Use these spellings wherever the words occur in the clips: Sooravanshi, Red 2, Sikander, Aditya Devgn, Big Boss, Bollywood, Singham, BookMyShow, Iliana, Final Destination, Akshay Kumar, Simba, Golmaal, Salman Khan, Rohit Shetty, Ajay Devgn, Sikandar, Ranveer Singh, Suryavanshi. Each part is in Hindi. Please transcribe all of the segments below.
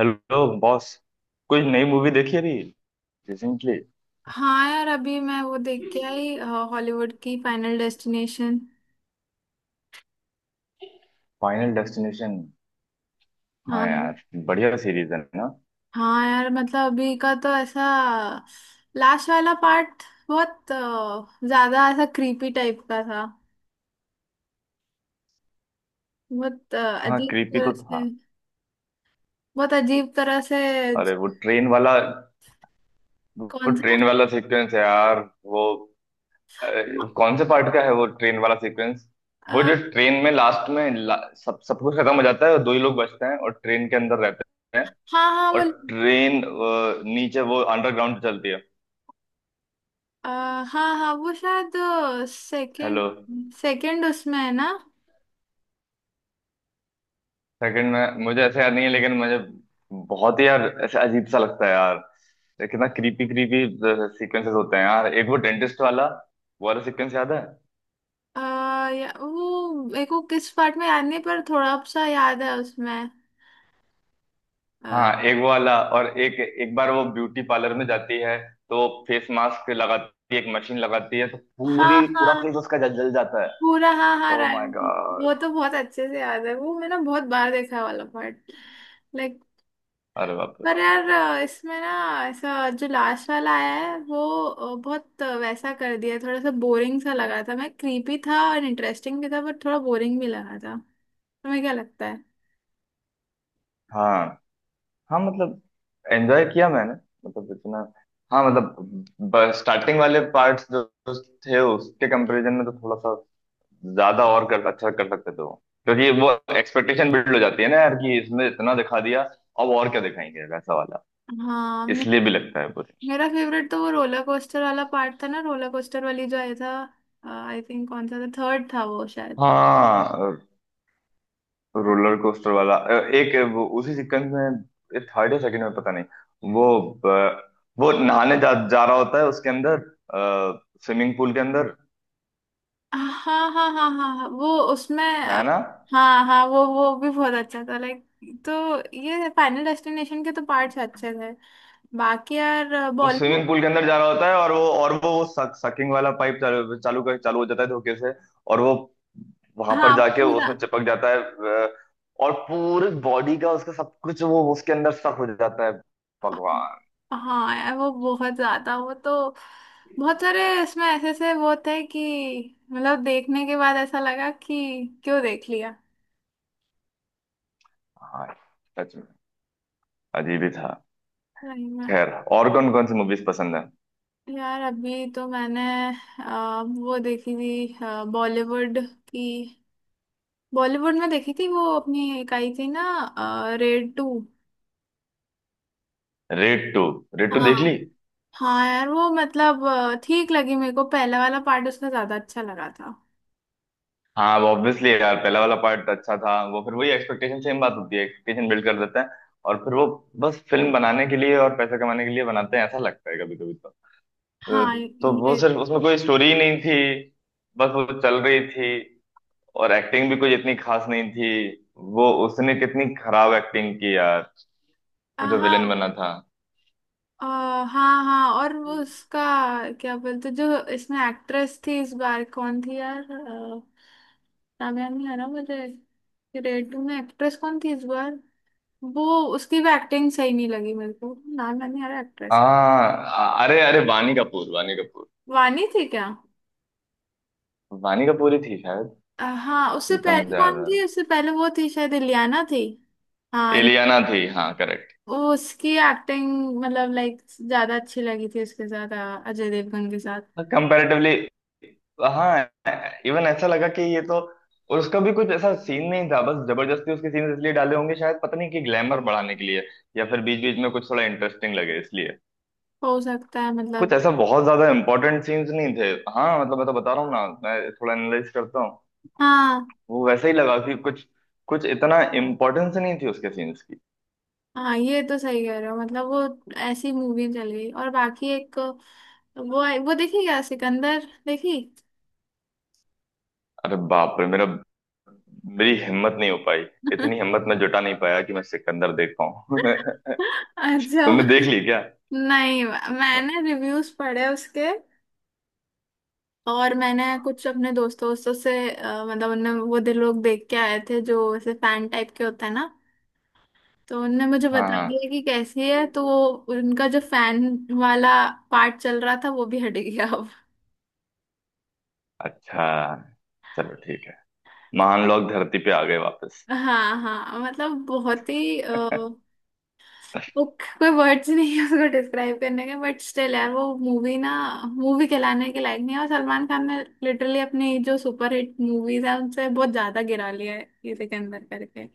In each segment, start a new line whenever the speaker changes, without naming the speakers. Hello boss. कोई नई मूवी देखी अभी रिसेंटली?
हाँ यार, अभी मैं वो देख के आई हॉलीवुड की फाइनल डेस्टिनेशन।
Final destination. हाँ
हाँ।
यार, बढ़िया सीरीज है ना।
हाँ यार, मतलब अभी का तो ऐसा लास्ट वाला पार्ट बहुत ज्यादा ऐसा क्रीपी टाइप का था। बहुत
हाँ,
अजीब
क्रीपी
तरह
तो था।
से, बहुत अजीब तरह से।
अरे, वो
कौन सा?
ट्रेन वाला सीक्वेंस है यार। वो
हाँ।
अरे, कौन से पार्ट का है वो ट्रेन वाला सीक्वेंस? वो
अ,
जो ट्रेन में लास्ट में सब सब कुछ खत्म हो जाता है, और दो ही लोग बचते हैं और ट्रेन के अंदर रहते हैं।
हाँ हाँ
और
वो।
ट्रेन नीचे वो अंडरग्राउंड चलती है।
अ, हाँ हाँ वो शायद
हेलो।
सेकंड। सेकंड उसमें है ना।
सेकंड में मुझे ऐसे याद नहीं है, लेकिन मुझे बहुत ही यार ऐसे अजीब सा लगता है यार। ये कितना क्रीपी क्रीपी सीक्वेंसेस होते हैं यार। एक वो डेंटिस्ट वाला, वो वाला सीक्वेंस याद है?
या, वो मेरे को किस पार्ट में याद नहीं पर थोड़ा सा याद है उसमें। हाँ।
हाँ, एक वो वाला, और एक एक बार वो ब्यूटी पार्लर में जाती है, तो फेस मास्क लगाती है, एक मशीन लगाती है, तो
हाँ
पूरी पूरा
हाँ
फेस उसका जल जल जाता है।
पूरा, हाँ हाँ
ओ
राइट।
माय
वो
गॉड।
तो बहुत अच्छे से याद है, वो मैंने बहुत बार देखा है वाला पार्ट। लाइक,
अरे बाप रे।
पर यार इसमें ना ऐसा जो लास्ट वाला आया है वो बहुत वैसा कर दिया। थोड़ा सा बोरिंग सा लगा था। मैं क्रीपी था और इंटरेस्टिंग भी था, पर थोड़ा बोरिंग भी लगा था। तुम्हें क्या लगता है?
हाँ हाँ, मतलब एंजॉय किया मैंने, मतलब इतना। हाँ मतलब, स्टार्टिंग वाले पार्ट्स जो जो थे उसके कंपैरिजन में तो थोड़ा सा ज्यादा और कर अच्छा कर सकते थे वो, क्योंकि वो एक्सपेक्टेशन बिल्ड हो जाती है ना यार कि इसने इतना दिखा दिया, अब और क्या दिखाएंगे वैसा वाला।
हाँ मे-
इसलिए भी लगता है पूरी।
मेरा फेवरेट तो वो रोलर कोस्टर वाला पार्ट था ना, रोलर कोस्टर वाली जो आया था। आई थिंक कौन सा था, थर्ड था वो शायद।
हाँ, रोलर कोस्टर वाला, एक वो उसी सीक्वेंस में थर्ड या सेकंड में पता नहीं। वो अ, वो नहाने जा रहा होता है उसके अंदर, स्विमिंग पूल के अंदर।
हाँ हाँ हाँ हाँ हाँ, वो उसमें।
है ना?
हाँ हाँ वो भी बहुत अच्छा था। लाइक, तो ये फाइनल डेस्टिनेशन के तो पार्ट्स अच्छे थे, बाकी यार
वो
बॉलीवुड।
स्विमिंग पूल के अंदर जा रहा होता है, और वो सकिंग वाला पाइप चालू चालू कर चालू हो जाता है धोखे से। और वो वहां पर
हाँ
जाके
पूरा।
उसमें चिपक जाता है, और पूरी बॉडी का उसका सब कुछ वो उसके अंदर सक हो जाता है। भगवान।
हाँ यार वो बहुत ज्यादा वो तो, बहुत सारे इसमें ऐसे ऐसे वो थे कि मतलब देखने के बाद ऐसा लगा कि क्यों देख लिया।
हाँ, सच में अजीब ही था।
सही में।
खैर, और कौन कौन सी मूवीज पसंद है?
यार अभी तो मैंने वो देखी थी बॉलीवुड की, बॉलीवुड में देखी थी वो, अपनी एक आई थी ना, Raid two.
Raid two? Raid two देख ली?
हाँ। हाँ यार वो मतलब ठीक लगी मेरे को, पहला वाला पार्ट उसका ज्यादा अच्छा लगा था।
हाँ वो, ऑब्वियसली यार पहला वाला पार्ट अच्छा था। वो फिर वही एक्सपेक्टेशन, सेम बात होती है, एक्सपेक्टेशन बिल्ड कर देते हैं। और फिर वो बस फिल्म बनाने के लिए और पैसा कमाने के लिए बनाते हैं, ऐसा लगता है कभी कभी तो।
हाँ
तो वो,
ये
सिर्फ उसमें कोई स्टोरी ही नहीं थी, बस वो चल रही थी। और एक्टिंग भी कुछ इतनी खास नहीं थी। वो उसने कितनी खराब एक्टिंग की यार, वो जो
हाँ।
विलन बना था।
हाँ हाँ, और वो उसका क्या बोलते, जो इसमें एक्ट्रेस थी इस बार कौन थी यार, नाम याद नहीं आ रहा मुझे। रेड टू में एक्ट्रेस कौन थी इस बार, वो, उसकी भी एक्टिंग सही नहीं लगी मेरे को, नाम याद नहीं आ रहा एक्ट्रेस।
हाँ, अरे अरे, वानी कपूर, वानी कपूर,
वानी थी क्या?
वानी कपूर ही थी शायद।
हाँ, उससे
जितना
पहले
मुझे याद आ
कौन
रहा
थी, उससे पहले वो थी शायद इलियाना थी।
है,
हाँ,
एलियाना थी। हाँ, करेक्ट।
वो उसकी एक्टिंग मतलब लाइक ज्यादा अच्छी लगी थी उसके साथ, अजय देवगन के साथ।
कंपैरेटिवली, हाँ। इवन ऐसा लगा कि ये तो, और उसका भी कुछ ऐसा सीन नहीं था, बस जबरदस्ती उसके सीन इसलिए डाले होंगे शायद, पता नहीं, कि ग्लैमर बढ़ाने के लिए, या फिर बीच बीच में कुछ थोड़ा इंटरेस्टिंग लगे इसलिए।
हो सकता है
कुछ
मतलब,
ऐसा बहुत ज्यादा इंपॉर्टेंट सीन्स नहीं थे। हाँ मतलब, मैं तो बता रहा हूँ ना, मैं थोड़ा एनालाइज करता हूँ।
हाँ
वो वैसे ही लगा कि कुछ कुछ इतना इम्पोर्टेंस नहीं थी उसके सीन्स की।
हाँ, ये तो सही कह रहे हो। मतलब वो ऐसी मूवी चल गई। और बाकी एक, वो देखी क्या सिकंदर देखी?
अरे बाप रे, मेरा मेरी हिम्मत नहीं हो पाई। इतनी हिम्मत मैं जुटा नहीं पाया कि मैं सिकंदर देख पाऊँ।
अच्छा,
तुमने देख ली क्या?
नहीं मैंने रिव्यूज पढ़े उसके, और मैंने कुछ अपने दोस्तों दोस्तों से मतलब उनने, वो दे लोग देख के आए थे जो ऐसे फैन टाइप के होते हैं ना, तो उनने मुझे
हाँ
बता
हाँ।
दिया कि कैसी है। तो वो उनका जो फैन वाला पार्ट चल रहा था वो भी हट गया अब।
अच्छा, चलो ठीक है। महान लोग धरती पे आ गए वापस।
हाँ हाँ मतलब बहुत ही वो, कोई वर्ड्स नहीं है उसको डिस्क्राइब करने के, बट स्टिल यार वो मूवी ना, मूवी कहलाने के लायक नहीं है। और सलमान खान ने लिटरली अपनी जो सुपरहिट मूवीज है उनसे बहुत ज्यादा गिरा लिया है ये सिकंदर करके।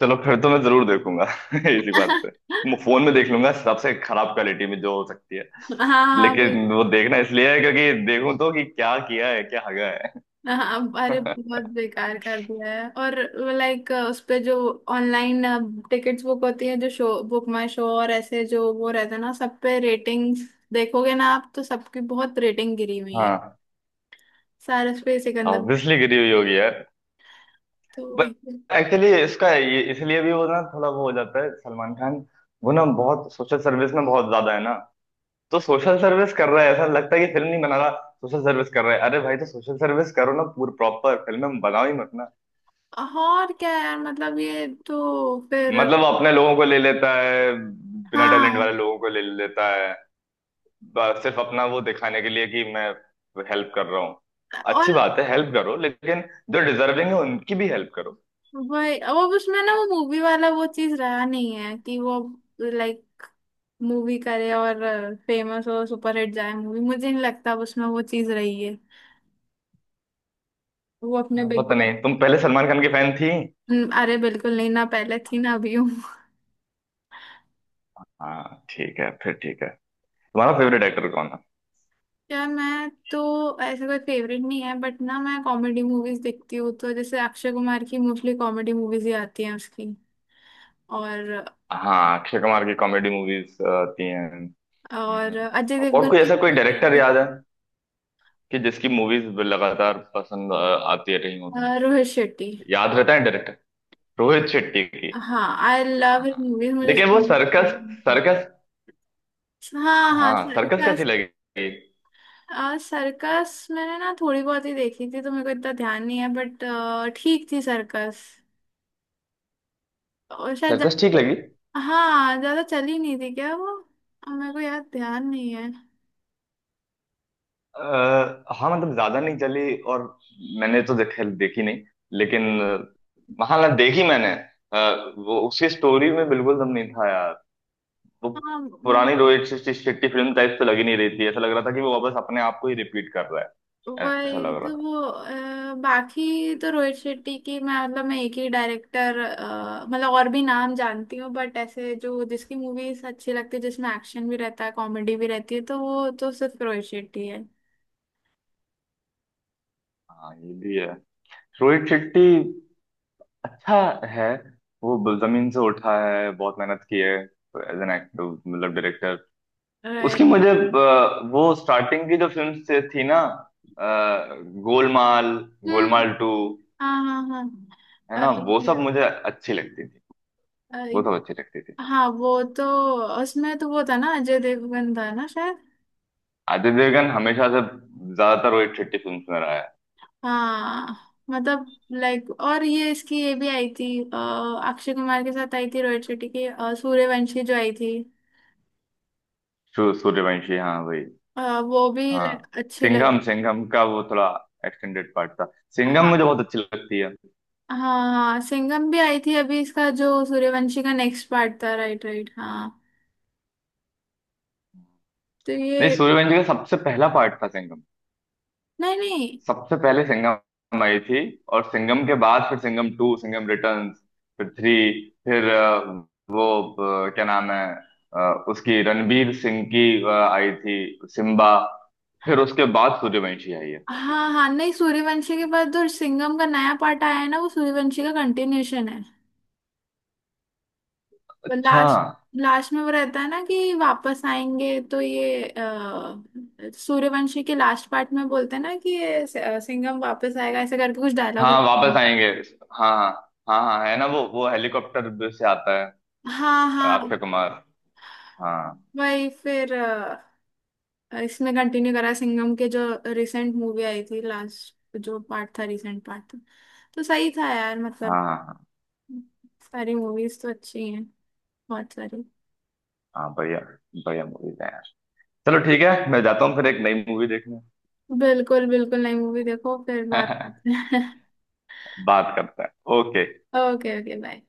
चलो, फिर तो मैं जरूर देखूंगा इसी बात पे। मैं फोन में देख लूंगा सबसे खराब क्वालिटी में जो हो सकती है।
हाँ हाँ वो,
लेकिन वो देखना इसलिए है क्योंकि देखूं तो कि क्या किया है, क्या हगा है।
हाँ अरे बहुत बेकार कर दिया है। और लाइक उस पे जो ऑनलाइन टिकट्स बुक होती है, जो शो बुक माई शो और ऐसे जो वो रहता है ना, सब पे रेटिंग देखोगे ना आप, तो सबकी बहुत रेटिंग गिरी हुई है
हाँ,
सारस पे सिकंदर।
ऑब्वियसली गिरी हुई होगी यार।
तो
बट
वही है।
एक्चुअली इसका, ये इसलिए भी वो ना थोड़ा वो हो जाता है, सलमान खान वो ना बहुत सोशल सर्विस में बहुत ज्यादा है ना। तो सोशल सर्विस कर रहा है, ऐसा लगता है कि फिल्म नहीं बना रहा, सोशल सर्विस कर रहा है। अरे भाई, तो सोशल सर्विस करो ना, पूरी प्रॉपर फिल्म में बनाओ ही मत ना।
और क्या यार, मतलब ये तो फिर,
मतलब वो अपने लोगों को ले लेता है, बिना टैलेंट
हाँ,
वाले लोगों को ले लेता है, सिर्फ अपना वो दिखाने के लिए कि मैं हेल्प कर रहा हूँ।
और
अच्छी बात है, हेल्प करो, लेकिन जो डिजर्विंग है उनकी भी हेल्प करो।
वही वो उसमें ना वो मूवी वाला वो चीज रहा नहीं है कि वो लाइक मूवी करे और फेमस हो, सुपरहिट जाए मूवी। मुझे नहीं लगता अब उसमें वो चीज रही है, वो अपने
हाँ,
बिग
पता
बॉस।
नहीं, तुम पहले सलमान खान की फैन थी।
अरे बिल्कुल नहीं ना, पहले थी ना अभी हूँ।
हाँ ठीक है, फिर ठीक है। तुम्हारा फेवरेट एक्टर कौन है?
यार मैं तो ऐसे कोई फेवरेट नहीं है, बट ना मैं कॉमेडी मूवीज देखती हूँ तो जैसे अक्षय कुमार की मोस्टली कॉमेडी मूवीज ही आती हैं उसकी, और
हाँ, अक्षय कुमार की कॉमेडी मूवीज आती हैं।
और
हम्म,
अजय
और
देवगन
कोई
की
ऐसा कोई
भी कुछ
डायरेक्टर
रहती
याद है
हैं।
कि जिसकी मूवीज लगातार पसंद आती रही हो तुम्हें?
रोहित शेट्टी।
याद रहता है डायरेक्टर। रोहित शेट्टी की।
हाँ आई लव हिज
हाँ।
मूवीज, मुझे
लेकिन वो
उसको।
सर्कस, सर्कस,
हाँ हाँ हाँ,
हाँ, सर्कस
हाँ।
कैसी लगी?
आ, सर्कस मैंने ना थोड़ी बहुत ही देखी थी तो मेरे को इतना ध्यान नहीं है। बट ठीक थी सर्कस। और शायद
सर्कस
ज्यादा
ठीक
तो,
लगी।
हाँ ज्यादा चली नहीं थी क्या वो, आ, मेरे को याद ध्यान नहीं है।
अ, हाँ मतलब, ज्यादा नहीं चली, और मैंने तो देखी नहीं। लेकिन हाँ ना, देखी मैंने। वो उसकी स्टोरी में बिल्कुल दम नहीं था यार। वो
हाँ।
पुरानी रोहित शेट्टी शेट्टी फिल्म टाइप तो लगी नहीं, रही थी। ऐसा लग रहा था कि वो वापस अपने आप को ही रिपीट कर रहा है, ऐसा
वही
लग रहा
तो
था।
वो बाकी तो रोहित शेट्टी की, मैं मतलब मैं एक ही डायरेक्टर मतलब और भी नाम जानती हूँ बट ऐसे जो जिसकी मूवीज अच्छी लगती है जिसमें एक्शन भी रहता है कॉमेडी भी रहती है तो वो तो सिर्फ रोहित शेट्टी है।
हाँ ये भी है, रोहित शेट्टी अच्छा है। वो जमीन से उठा है, बहुत मेहनत की है, एज एन एक्टर, मतलब डायरेक्टर। उसकी
राइट।
मुझे वो स्टार्टिंग की जो फिल्म से थी ना, अ, गोलमाल, गोलमाल टू,
हाँ हाँ हाँ
है
अ,
ना, वो सब
ये-
मुझे अच्छी लगती थी।
अ,
वो सब अच्छी लगती थी।
हाँ वो तो, उसमें तो वो था ना अजय देवगन था ना शायद।
आदित्य देवगन हमेशा से ज्यादातर वही ठेठी फिल्म में रहा है।
हाँ मतलब लाइक, और ये इसकी ये भी आई थी अक्षय कुमार के साथ आई थी रोहित शेट्टी की सूर्यवंशी जो आई थी,
सूर्यवंशी, हाँ वही।
वो भी
हाँ
लाइक अच्छी लग।
सिंघम, सिंघम का वो थोड़ा एक्सटेंडेड पार्ट था। सिंघम
हाँ
मुझे बहुत अच्छी लगती है।
हाँ हाँ सिंघम भी आई थी अभी, इसका जो सूर्यवंशी का नेक्स्ट पार्ट था। राइट राइट हाँ, तो
नहीं,
ये,
सूर्यवंशी का सबसे पहला पार्ट था सिंघम।
नहीं नहीं,
सबसे पहले सिंघम आई थी, और सिंघम के बाद फिर सिंघम टू, सिंघम रिटर्न्स, फिर थ्री, फिर वो क्या नाम है, उसकी रणबीर सिंह की आई थी सिम्बा, फिर उसके बाद सूर्यवंशी आई है।
हाँ हाँ, नहीं सूर्यवंशी के बाद जो सिंघम का नया पार्ट आया है ना वो सूर्यवंशी का कंटिन्यूशन है। पर
अच्छा।
लास्ट, लास्ट में वो रहता है ना कि वापस आएंगे, तो ये सूर्यवंशी के लास्ट पार्ट में बोलते हैं ना कि ये सिंघम वापस आएगा ऐसे करके कुछ डायलॉग।
हाँ, वापस आएंगे। हाँ हाँ हाँ हाँ, है ना, वो हेलीकॉप्टर से आता है,
हाँ हाँ।
अक्षय कुमार। हाँ
वही फिर इसमें कंटिन्यू करा सिंघम के जो रिसेंट मूवी आई थी, लास्ट जो पार्ट था, रिसेंट पार्ट था। तो सही था यार, मतलब
हाँ हाँ हाँ
सारी मूवीज तो अच्छी हैं, बहुत सारी।
हाँ, बढ़िया, बढ़िया मूवीज है यार। चलो ठीक है, मैं जाता हूँ फिर एक नई मूवी देखने।
बिल्कुल बिल्कुल, नई मूवी देखो फिर बात करते हैं।
बात करते हैं। ओके।
Okay, okay bye.